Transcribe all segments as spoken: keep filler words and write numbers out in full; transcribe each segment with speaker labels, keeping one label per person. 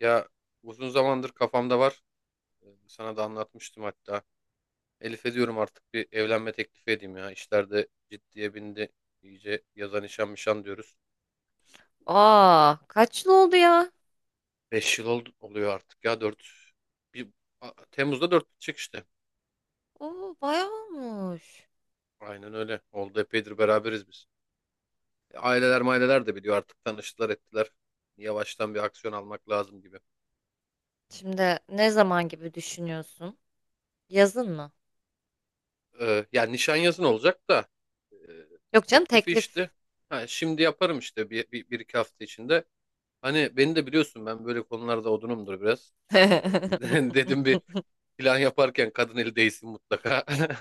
Speaker 1: Ya uzun zamandır kafamda var. Ee, Sana da anlatmıştım hatta. Elif'e diyorum artık bir evlenme teklifi edeyim ya. İşler de ciddiye bindi. İyice yaza nişan mişan diyoruz.
Speaker 2: Aa, kaç yıl oldu ya?
Speaker 1: Beş yıl oldu, oluyor artık ya dört, Bir, A- Temmuz'da dört bitecek işte.
Speaker 2: Oo, bayağı olmuş.
Speaker 1: Aynen öyle. Oldu epeydir beraberiz biz. E, Aileler maileler de biliyor artık tanıştılar ettiler. Yavaştan bir aksiyon almak lazım gibi.
Speaker 2: Şimdi ne zaman gibi düşünüyorsun? Yazın mı?
Speaker 1: Ee, yani nişan yazın olacak da e,
Speaker 2: Yok canım,
Speaker 1: teklifi
Speaker 2: teklif.
Speaker 1: işte. Ha, Şimdi yaparım işte bir, bir, bir iki hafta içinde. Hani beni de biliyorsun ben böyle konularda odunumdur biraz. Ee, dedim bir plan yaparken kadın eli değsin mutlaka.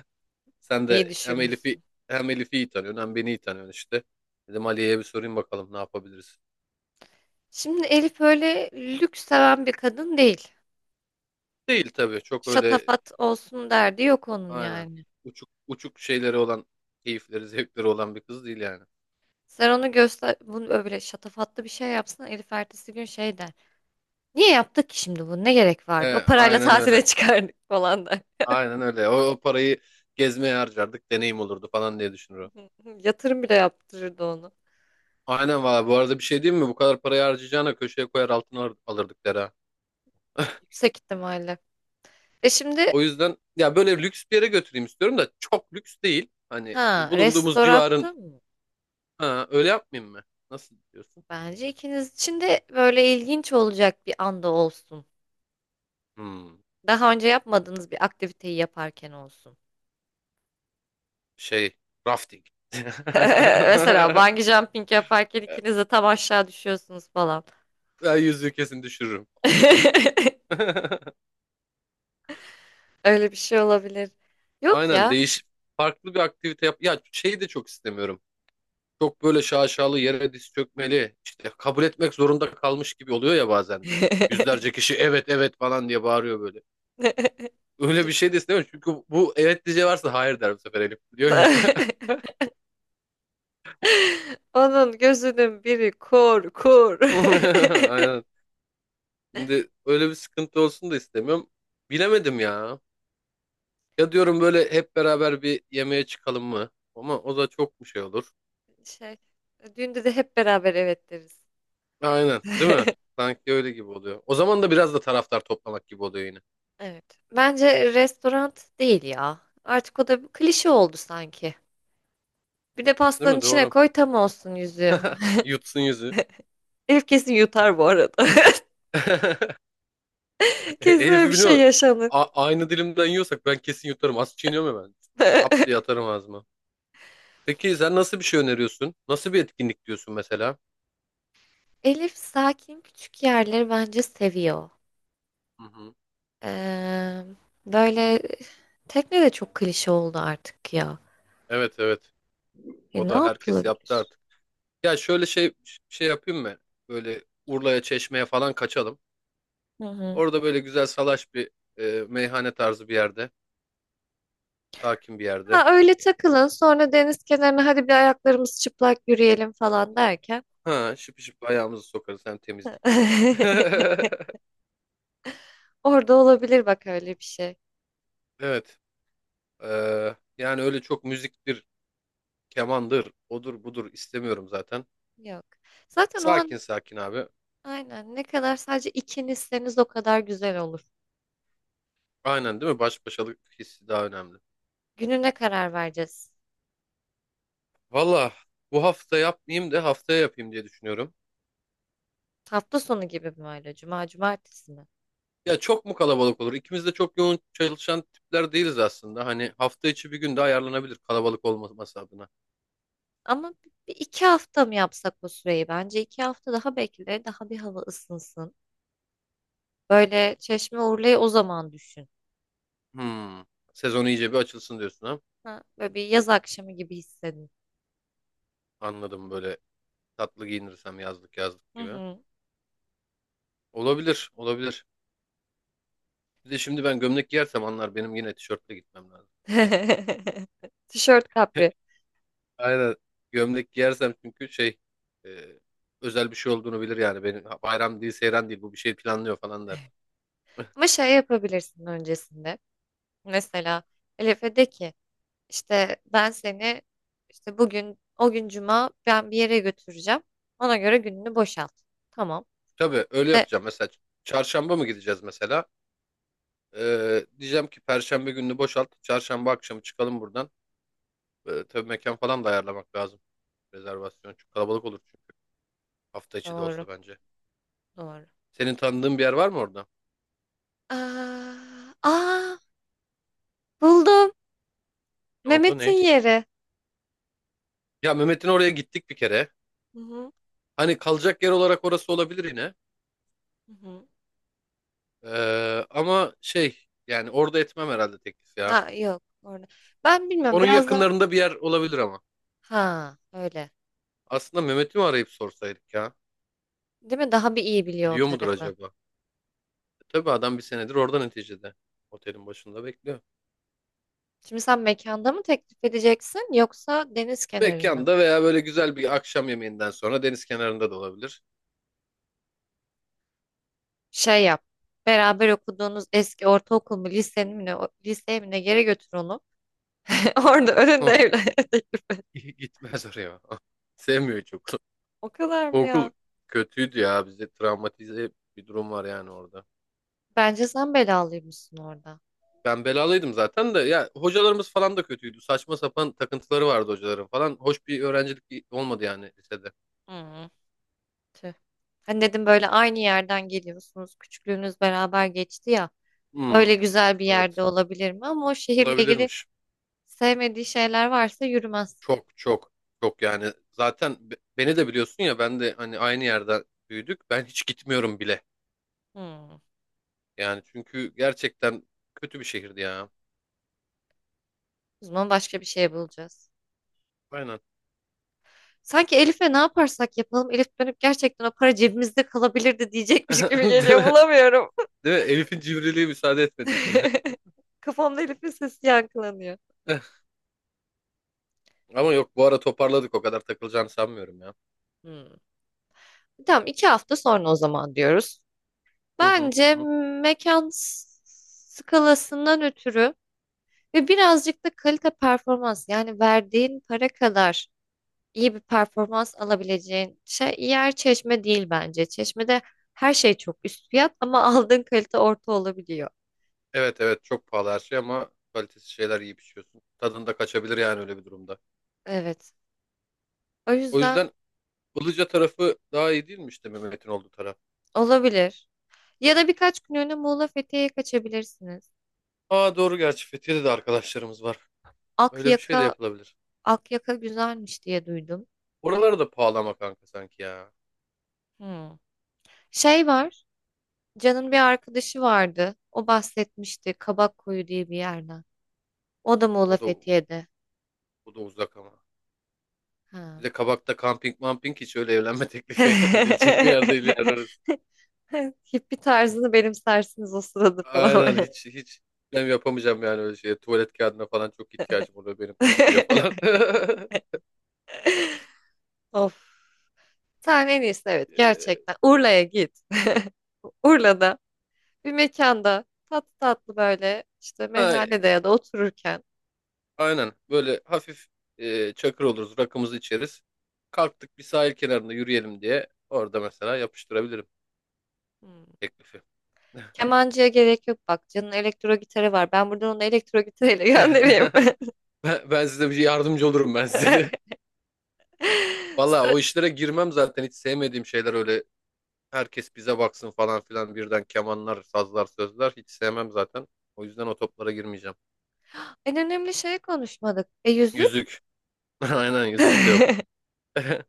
Speaker 1: Sen
Speaker 2: İyi
Speaker 1: de hem Elif'i
Speaker 2: düşünmüşsün.
Speaker 1: hem Elif'i iyi tanıyorsun hem beni iyi tanıyorsun işte. Dedim Aliye'ye bir sorayım bakalım ne yapabiliriz.
Speaker 2: Şimdi Elif öyle lüks seven bir kadın değil.
Speaker 1: Değil tabii çok öyle,
Speaker 2: Şatafat olsun derdi yok onun,
Speaker 1: aynen,
Speaker 2: yani.
Speaker 1: uçuk uçuk şeyleri olan keyifleri zevkleri olan bir kız değil yani.
Speaker 2: Sen onu göster, bunu öyle şatafatlı bir şey yapsın, Elif ertesi gün şey der. Niye yaptık ki şimdi bunu? Ne gerek
Speaker 1: Ee,
Speaker 2: vardı? O parayla
Speaker 1: aynen öyle.
Speaker 2: tatile çıkardık falan der.
Speaker 1: Aynen öyle. O, o parayı gezmeye harcardık deneyim olurdu falan diye düşünür o.
Speaker 2: Yatırım bile yaptırırdı onu.
Speaker 1: Aynen valla bu arada bir şey diyeyim mi? Bu kadar parayı harcayacağına köşeye koyar altın alır- alırdık der ha.
Speaker 2: Yüksek ihtimalle. E şimdi,
Speaker 1: O yüzden ya böyle lüks bir yere götüreyim istiyorum da çok lüks değil. Hani
Speaker 2: ha,
Speaker 1: bulunduğumuz civarın,
Speaker 2: restoratta mı?
Speaker 1: ha, öyle yapmayayım mı? Nasıl diyorsun?
Speaker 2: Bence ikiniz için de böyle ilginç olacak bir anda olsun.
Speaker 1: Hmm,
Speaker 2: Daha önce yapmadığınız bir aktiviteyi yaparken olsun.
Speaker 1: şey rafting.
Speaker 2: Mesela bungee jumping yaparken ikiniz de tam aşağı düşüyorsunuz falan.
Speaker 1: Ben yüzüğü kesin düşürürüm.
Speaker 2: Öyle bir şey olabilir. Yok
Speaker 1: Aynen
Speaker 2: ya.
Speaker 1: değiş farklı bir aktivite yap. Ya şeyi de çok istemiyorum. Çok böyle şaşalı yere diz çökmeli. İşte kabul etmek zorunda kalmış gibi oluyor ya bazen de. Yüzlerce kişi evet evet falan diye bağırıyor böyle. Öyle bir şey de istemiyorum. Çünkü bu evet diyeceği varsa hayır der bu sefer Elif biliyor.
Speaker 2: Onun gözünün biri kur kur.
Speaker 1: Aynen. Şimdi öyle bir sıkıntı olsun da istemiyorum. Bilemedim ya. Ya diyorum böyle hep beraber bir yemeğe çıkalım mı? Ama o da çok bir şey olur.
Speaker 2: Şey, düğünde de hep beraber evet deriz.
Speaker 1: Aynen, değil mi? Sanki öyle gibi oluyor. O zaman da biraz da taraftar toplamak gibi oluyor yine.
Speaker 2: Evet. Bence restoran değil ya. Artık o da bir klişe oldu sanki. Bir de
Speaker 1: Değil
Speaker 2: pastanın
Speaker 1: mi?
Speaker 2: içine
Speaker 1: Doğru.
Speaker 2: koy, tam olsun yüzüğü.
Speaker 1: Yutsun yüzü.
Speaker 2: Elif kesin yutar bu arada.
Speaker 1: E,
Speaker 2: Kesin öyle
Speaker 1: Elif'i
Speaker 2: bir
Speaker 1: biliyor
Speaker 2: şey
Speaker 1: musun?
Speaker 2: yaşanır.
Speaker 1: A- aynı dilimden yiyorsak ben kesin yutarım. Az çiğniyorum hemen. Ap diye atarım ağzıma. Peki sen nasıl bir şey öneriyorsun? Nasıl bir etkinlik diyorsun mesela?
Speaker 2: Elif sakin küçük yerleri bence seviyor.
Speaker 1: Hı hı.
Speaker 2: Ee, Böyle tekne de çok klişe oldu artık ya.
Speaker 1: Evet evet.
Speaker 2: E,
Speaker 1: O
Speaker 2: ne
Speaker 1: da herkes yaptı
Speaker 2: yapılabilir?
Speaker 1: artık. Ya şöyle şey şey yapayım mı? Böyle Urla'ya, Çeşme'ye falan kaçalım.
Speaker 2: Hı hı.
Speaker 1: Orada böyle güzel salaş bir, e, meyhane tarzı bir yerde. Sakin bir yerde.
Speaker 2: Ha, öyle takılın sonra, deniz kenarına hadi bir ayaklarımız çıplak yürüyelim falan derken.
Speaker 1: Ha, şıp şıp ayağımızı sokarız hem temizlik.
Speaker 2: Orada olabilir bak, öyle bir şey.
Speaker 1: Evet. Ee, yani öyle çok müziktir, kemandır, odur budur istemiyorum zaten.
Speaker 2: Yok. Zaten o an
Speaker 1: Sakin sakin abi.
Speaker 2: aynen, ne kadar sadece ikinizseniz o kadar güzel olur.
Speaker 1: Aynen değil mi? Baş başalık hissi daha önemli.
Speaker 2: Gününe karar vereceğiz.
Speaker 1: Valla bu hafta yapmayayım da haftaya yapayım diye düşünüyorum.
Speaker 2: Hafta sonu gibi mi öyle? Cuma, cumartesi mi?
Speaker 1: Ya çok mu kalabalık olur? İkimiz de çok yoğun çalışan tipler değiliz aslında. Hani hafta içi bir gün de ayarlanabilir kalabalık olmaması adına.
Speaker 2: Ama bir iki hafta mı yapsak o süreyi? Bence iki hafta daha bekle. Daha bir hava ısınsın. Böyle Çeşme Urla'yı o zaman düşün.
Speaker 1: Hmm. Sezon iyice bir açılsın diyorsun ha?
Speaker 2: Ha, böyle bir yaz akşamı gibi hissedin.
Speaker 1: Anladım, böyle tatlı giyinirsem yazlık yazlık
Speaker 2: Hı
Speaker 1: gibi.
Speaker 2: hı.
Speaker 1: Olabilir, olabilir. Bir de şimdi ben gömlek giyersem anlar benim yine tişörtle gitmem lazım.
Speaker 2: Tişört kapri.
Speaker 1: Aynen. Gömlek giyersem çünkü şey e, özel bir şey olduğunu bilir yani. Benim bayram değil, seyran değil bu bir şey planlıyor falan der.
Speaker 2: Ama şey yapabilirsin öncesinde. Mesela Elif'e de ki İşte ben seni işte bugün, o gün cuma, ben bir yere götüreceğim. Ona göre gününü boşalt. Tamam.
Speaker 1: Tabii öyle
Speaker 2: De,
Speaker 1: yapacağım. Mesela çarşamba mı gideceğiz mesela? Ee, diyeceğim ki Perşembe gününü boşalt. Çarşamba akşamı çıkalım buradan. Ee, tabii mekan falan da ayarlamak lazım. Rezervasyon çok kalabalık olur çünkü. Hafta içi de
Speaker 2: doğru
Speaker 1: olsa bence.
Speaker 2: doğru.
Speaker 1: Senin tanıdığın bir yer var mı orada?
Speaker 2: Aa, aa, buldum.
Speaker 1: Ne oldu ne?
Speaker 2: Mehmet'in yeri.
Speaker 1: Ya Mehmet'in oraya gittik bir kere.
Speaker 2: Hı hı,
Speaker 1: Hani kalacak yer olarak orası olabilir yine.
Speaker 2: hı hı.
Speaker 1: Ee, ama şey yani orada etmem herhalde teklif ya.
Speaker 2: Ha, yok orada. Ben bilmiyorum
Speaker 1: Onun
Speaker 2: biraz da,
Speaker 1: yakınlarında bir yer olabilir ama.
Speaker 2: ha, öyle.
Speaker 1: Aslında Mehmet'i mi arayıp sorsaydık ya?
Speaker 2: Değil mi? Daha bir iyi biliyor o
Speaker 1: Biliyor mudur
Speaker 2: tarafı.
Speaker 1: acaba? E, tabii adam bir senedir orada neticede. Otelin başında bekliyor.
Speaker 2: Şimdi sen mekanda mı teklif edeceksin yoksa deniz kenarında mı?
Speaker 1: Mekanda veya böyle güzel bir akşam yemeğinden sonra deniz kenarında da olabilir.
Speaker 2: Şey yap. Beraber okuduğunuz eski ortaokul mu, lisenin mi, ne- o- liseye mi, ne yere götür onu. Orada önünde
Speaker 1: Ama
Speaker 2: evlenme teklif et.
Speaker 1: gitmez oraya. Sevmiyor çok.
Speaker 2: O kadar
Speaker 1: Bu
Speaker 2: mı
Speaker 1: okul
Speaker 2: ya?
Speaker 1: kötüydü ya. Bize travmatize bir durum var yani orada.
Speaker 2: Bence sen belalıymışsın orada.
Speaker 1: Ben belalıydım zaten de ya hocalarımız falan da kötüydü. Saçma sapan takıntıları vardı hocaların falan. Hoş bir öğrencilik olmadı yani lisede.
Speaker 2: Hı, tüh. Hani dedim, böyle aynı yerden geliyorsunuz. Küçüklüğünüz beraber geçti ya. Öyle
Speaker 1: Hmm,
Speaker 2: güzel bir yerde
Speaker 1: evet.
Speaker 2: olabilir mi? Ama o şehirle ilgili
Speaker 1: Olabilirmiş.
Speaker 2: sevmediği şeyler varsa yürümez.
Speaker 1: Çok çok Çok yani. Zaten be- beni de biliyorsun ya ben de hani aynı yerde büyüdük. Ben hiç gitmiyorum bile.
Speaker 2: Hı.
Speaker 1: Yani çünkü gerçekten kötü bir şehirdi ya.
Speaker 2: O zaman başka bir şey bulacağız.
Speaker 1: Aynen.
Speaker 2: Sanki Elif'e ne yaparsak yapalım, Elif dönüp gerçekten "o para cebimizde kalabilirdi" diyecekmiş gibi
Speaker 1: Değil
Speaker 2: geliyor.
Speaker 1: mi?
Speaker 2: Bulamıyorum.
Speaker 1: Değil mi? Elif'in civriliği müsaade etmedi bize.
Speaker 2: Kafamda Elif'in sesi yankılanıyor.
Speaker 1: Ama yok bu ara toparladık o kadar takılacağını sanmıyorum ya.
Speaker 2: Hı. Tamam, iki hafta sonra o zaman diyoruz.
Speaker 1: Hı hı, hı
Speaker 2: Bence
Speaker 1: hı.
Speaker 2: mekan s- skalasından ötürü ve birazcık da kalite performans, yani verdiğin para kadar iyi bir performans alabileceğin şey yer Çeşme değil bence. Çeşme'de her şey çok üst fiyat, ama aldığın kalite orta olabiliyor.
Speaker 1: Evet evet çok pahalı her şey ama kalitesiz şeyler yiyip içiyorsun. Tadında kaçabilir yani öyle bir durumda.
Speaker 2: Evet. O
Speaker 1: O
Speaker 2: yüzden
Speaker 1: yüzden Ilıca tarafı daha iyi değil mi işte Mehmet'in olduğu taraf?
Speaker 2: olabilir. Ya da birkaç günlüğüne Muğla Fethiye'ye kaçabilirsiniz.
Speaker 1: Aa doğru gerçi Fethiye'de de arkadaşlarımız var. Öyle bir şey de
Speaker 2: Akyaka,
Speaker 1: yapılabilir.
Speaker 2: Akyaka güzelmiş diye duydum.
Speaker 1: Oralar da pahalı ama kanka sanki ya.
Speaker 2: Hmm. Şey var. Can'ın bir arkadaşı vardı. O bahsetmişti Kabakkuyu diye bir yerden. O da
Speaker 1: O
Speaker 2: Muğla
Speaker 1: da
Speaker 2: Fethiye'de.
Speaker 1: o da uzak ama. Bir
Speaker 2: Ha.
Speaker 1: de Kabak'ta kamping mamping hiç öyle evlenme teklifi edilecek bir yer değil yani orası.
Speaker 2: Hippi tarzını benimsersiniz o sırada falan.
Speaker 1: Aynen hiç hiç ben yapamayacağım yani öyle şey. Tuvalet kağıdına falan çok ihtiyacım oluyor benim suya falan.
Speaker 2: Of. Sen en iyisi, evet,
Speaker 1: Ee,
Speaker 2: gerçekten Urla'ya git. Urla'da bir mekanda tatlı tatlı, böyle işte
Speaker 1: ha,
Speaker 2: meyhanede ya da otururken.
Speaker 1: aynen böyle hafif, e, çakır oluruz rakımızı içeriz. Kalktık bir sahil kenarında yürüyelim diye orada mesela yapıştırabilirim
Speaker 2: Hmm.
Speaker 1: teklifi.
Speaker 2: Kemancıya gerek yok bak. Can'ın elektro gitarı var. Ben buradan onu elektro gitarıyla göndereyim.
Speaker 1: Ben, ben size bir yardımcı olurum ben size de. Valla o işlere girmem zaten hiç sevmediğim şeyler öyle, herkes bize baksın falan filan birden kemanlar, sazlar, sözler hiç sevmem zaten. O yüzden o toplara girmeyeceğim.
Speaker 2: En önemli şeyi konuşmadık. E, yüzük?
Speaker 1: Yüzük. Aynen yüzük de yok.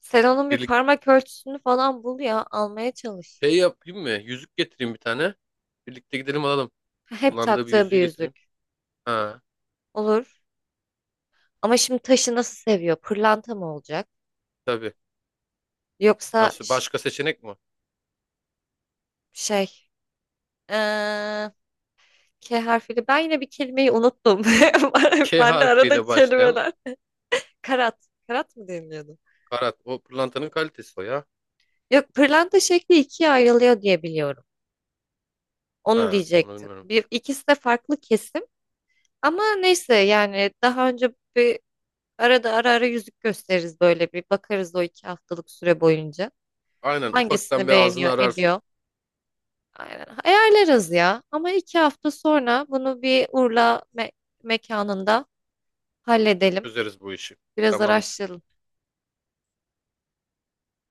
Speaker 2: Sen onun bir
Speaker 1: Birlikte
Speaker 2: parmak ölçüsünü falan bul ya almaya çalış.
Speaker 1: şey yapayım mı? Yüzük getireyim bir tane. Birlikte gidelim alalım.
Speaker 2: Hep
Speaker 1: Kullandığı bir
Speaker 2: taktığı bir
Speaker 1: yüzüğü getireyim.
Speaker 2: yüzük.
Speaker 1: Ha,
Speaker 2: Olur. Ama şimdi taşı nasıl seviyor? Pırlanta mı olacak?
Speaker 1: tabii.
Speaker 2: Yoksa
Speaker 1: Nasıl?
Speaker 2: ş-
Speaker 1: Başka seçenek mi?
Speaker 2: şey, eee, K harfiyle ben yine bir kelimeyi unuttum.
Speaker 1: K
Speaker 2: Ben de arada
Speaker 1: harfiyle başlayan
Speaker 2: kelimeler. Karat. Karat mı deniliyordu?
Speaker 1: karat. O pırlantanın kalitesi o ya.
Speaker 2: Yok, pırlanta şekli ikiye ayrılıyor diye biliyorum. Onu
Speaker 1: Ha, onu
Speaker 2: diyecektim.
Speaker 1: bilmiyorum.
Speaker 2: Bir, ikisi de farklı kesim. Ama neyse, yani daha önce bir, arada ara ara yüzük gösteririz, böyle bir bakarız o iki haftalık süre boyunca.
Speaker 1: Aynen ufaktan
Speaker 2: Hangisini
Speaker 1: bir ağzını
Speaker 2: beğeniyor,
Speaker 1: ararsın.
Speaker 2: ediyor. Aynen. Ayarlarız ya. Ama iki hafta sonra bunu bir Urla me- mekanında halledelim.
Speaker 1: Çözeriz bu işi.
Speaker 2: Biraz
Speaker 1: Tamamdır.
Speaker 2: araştıralım.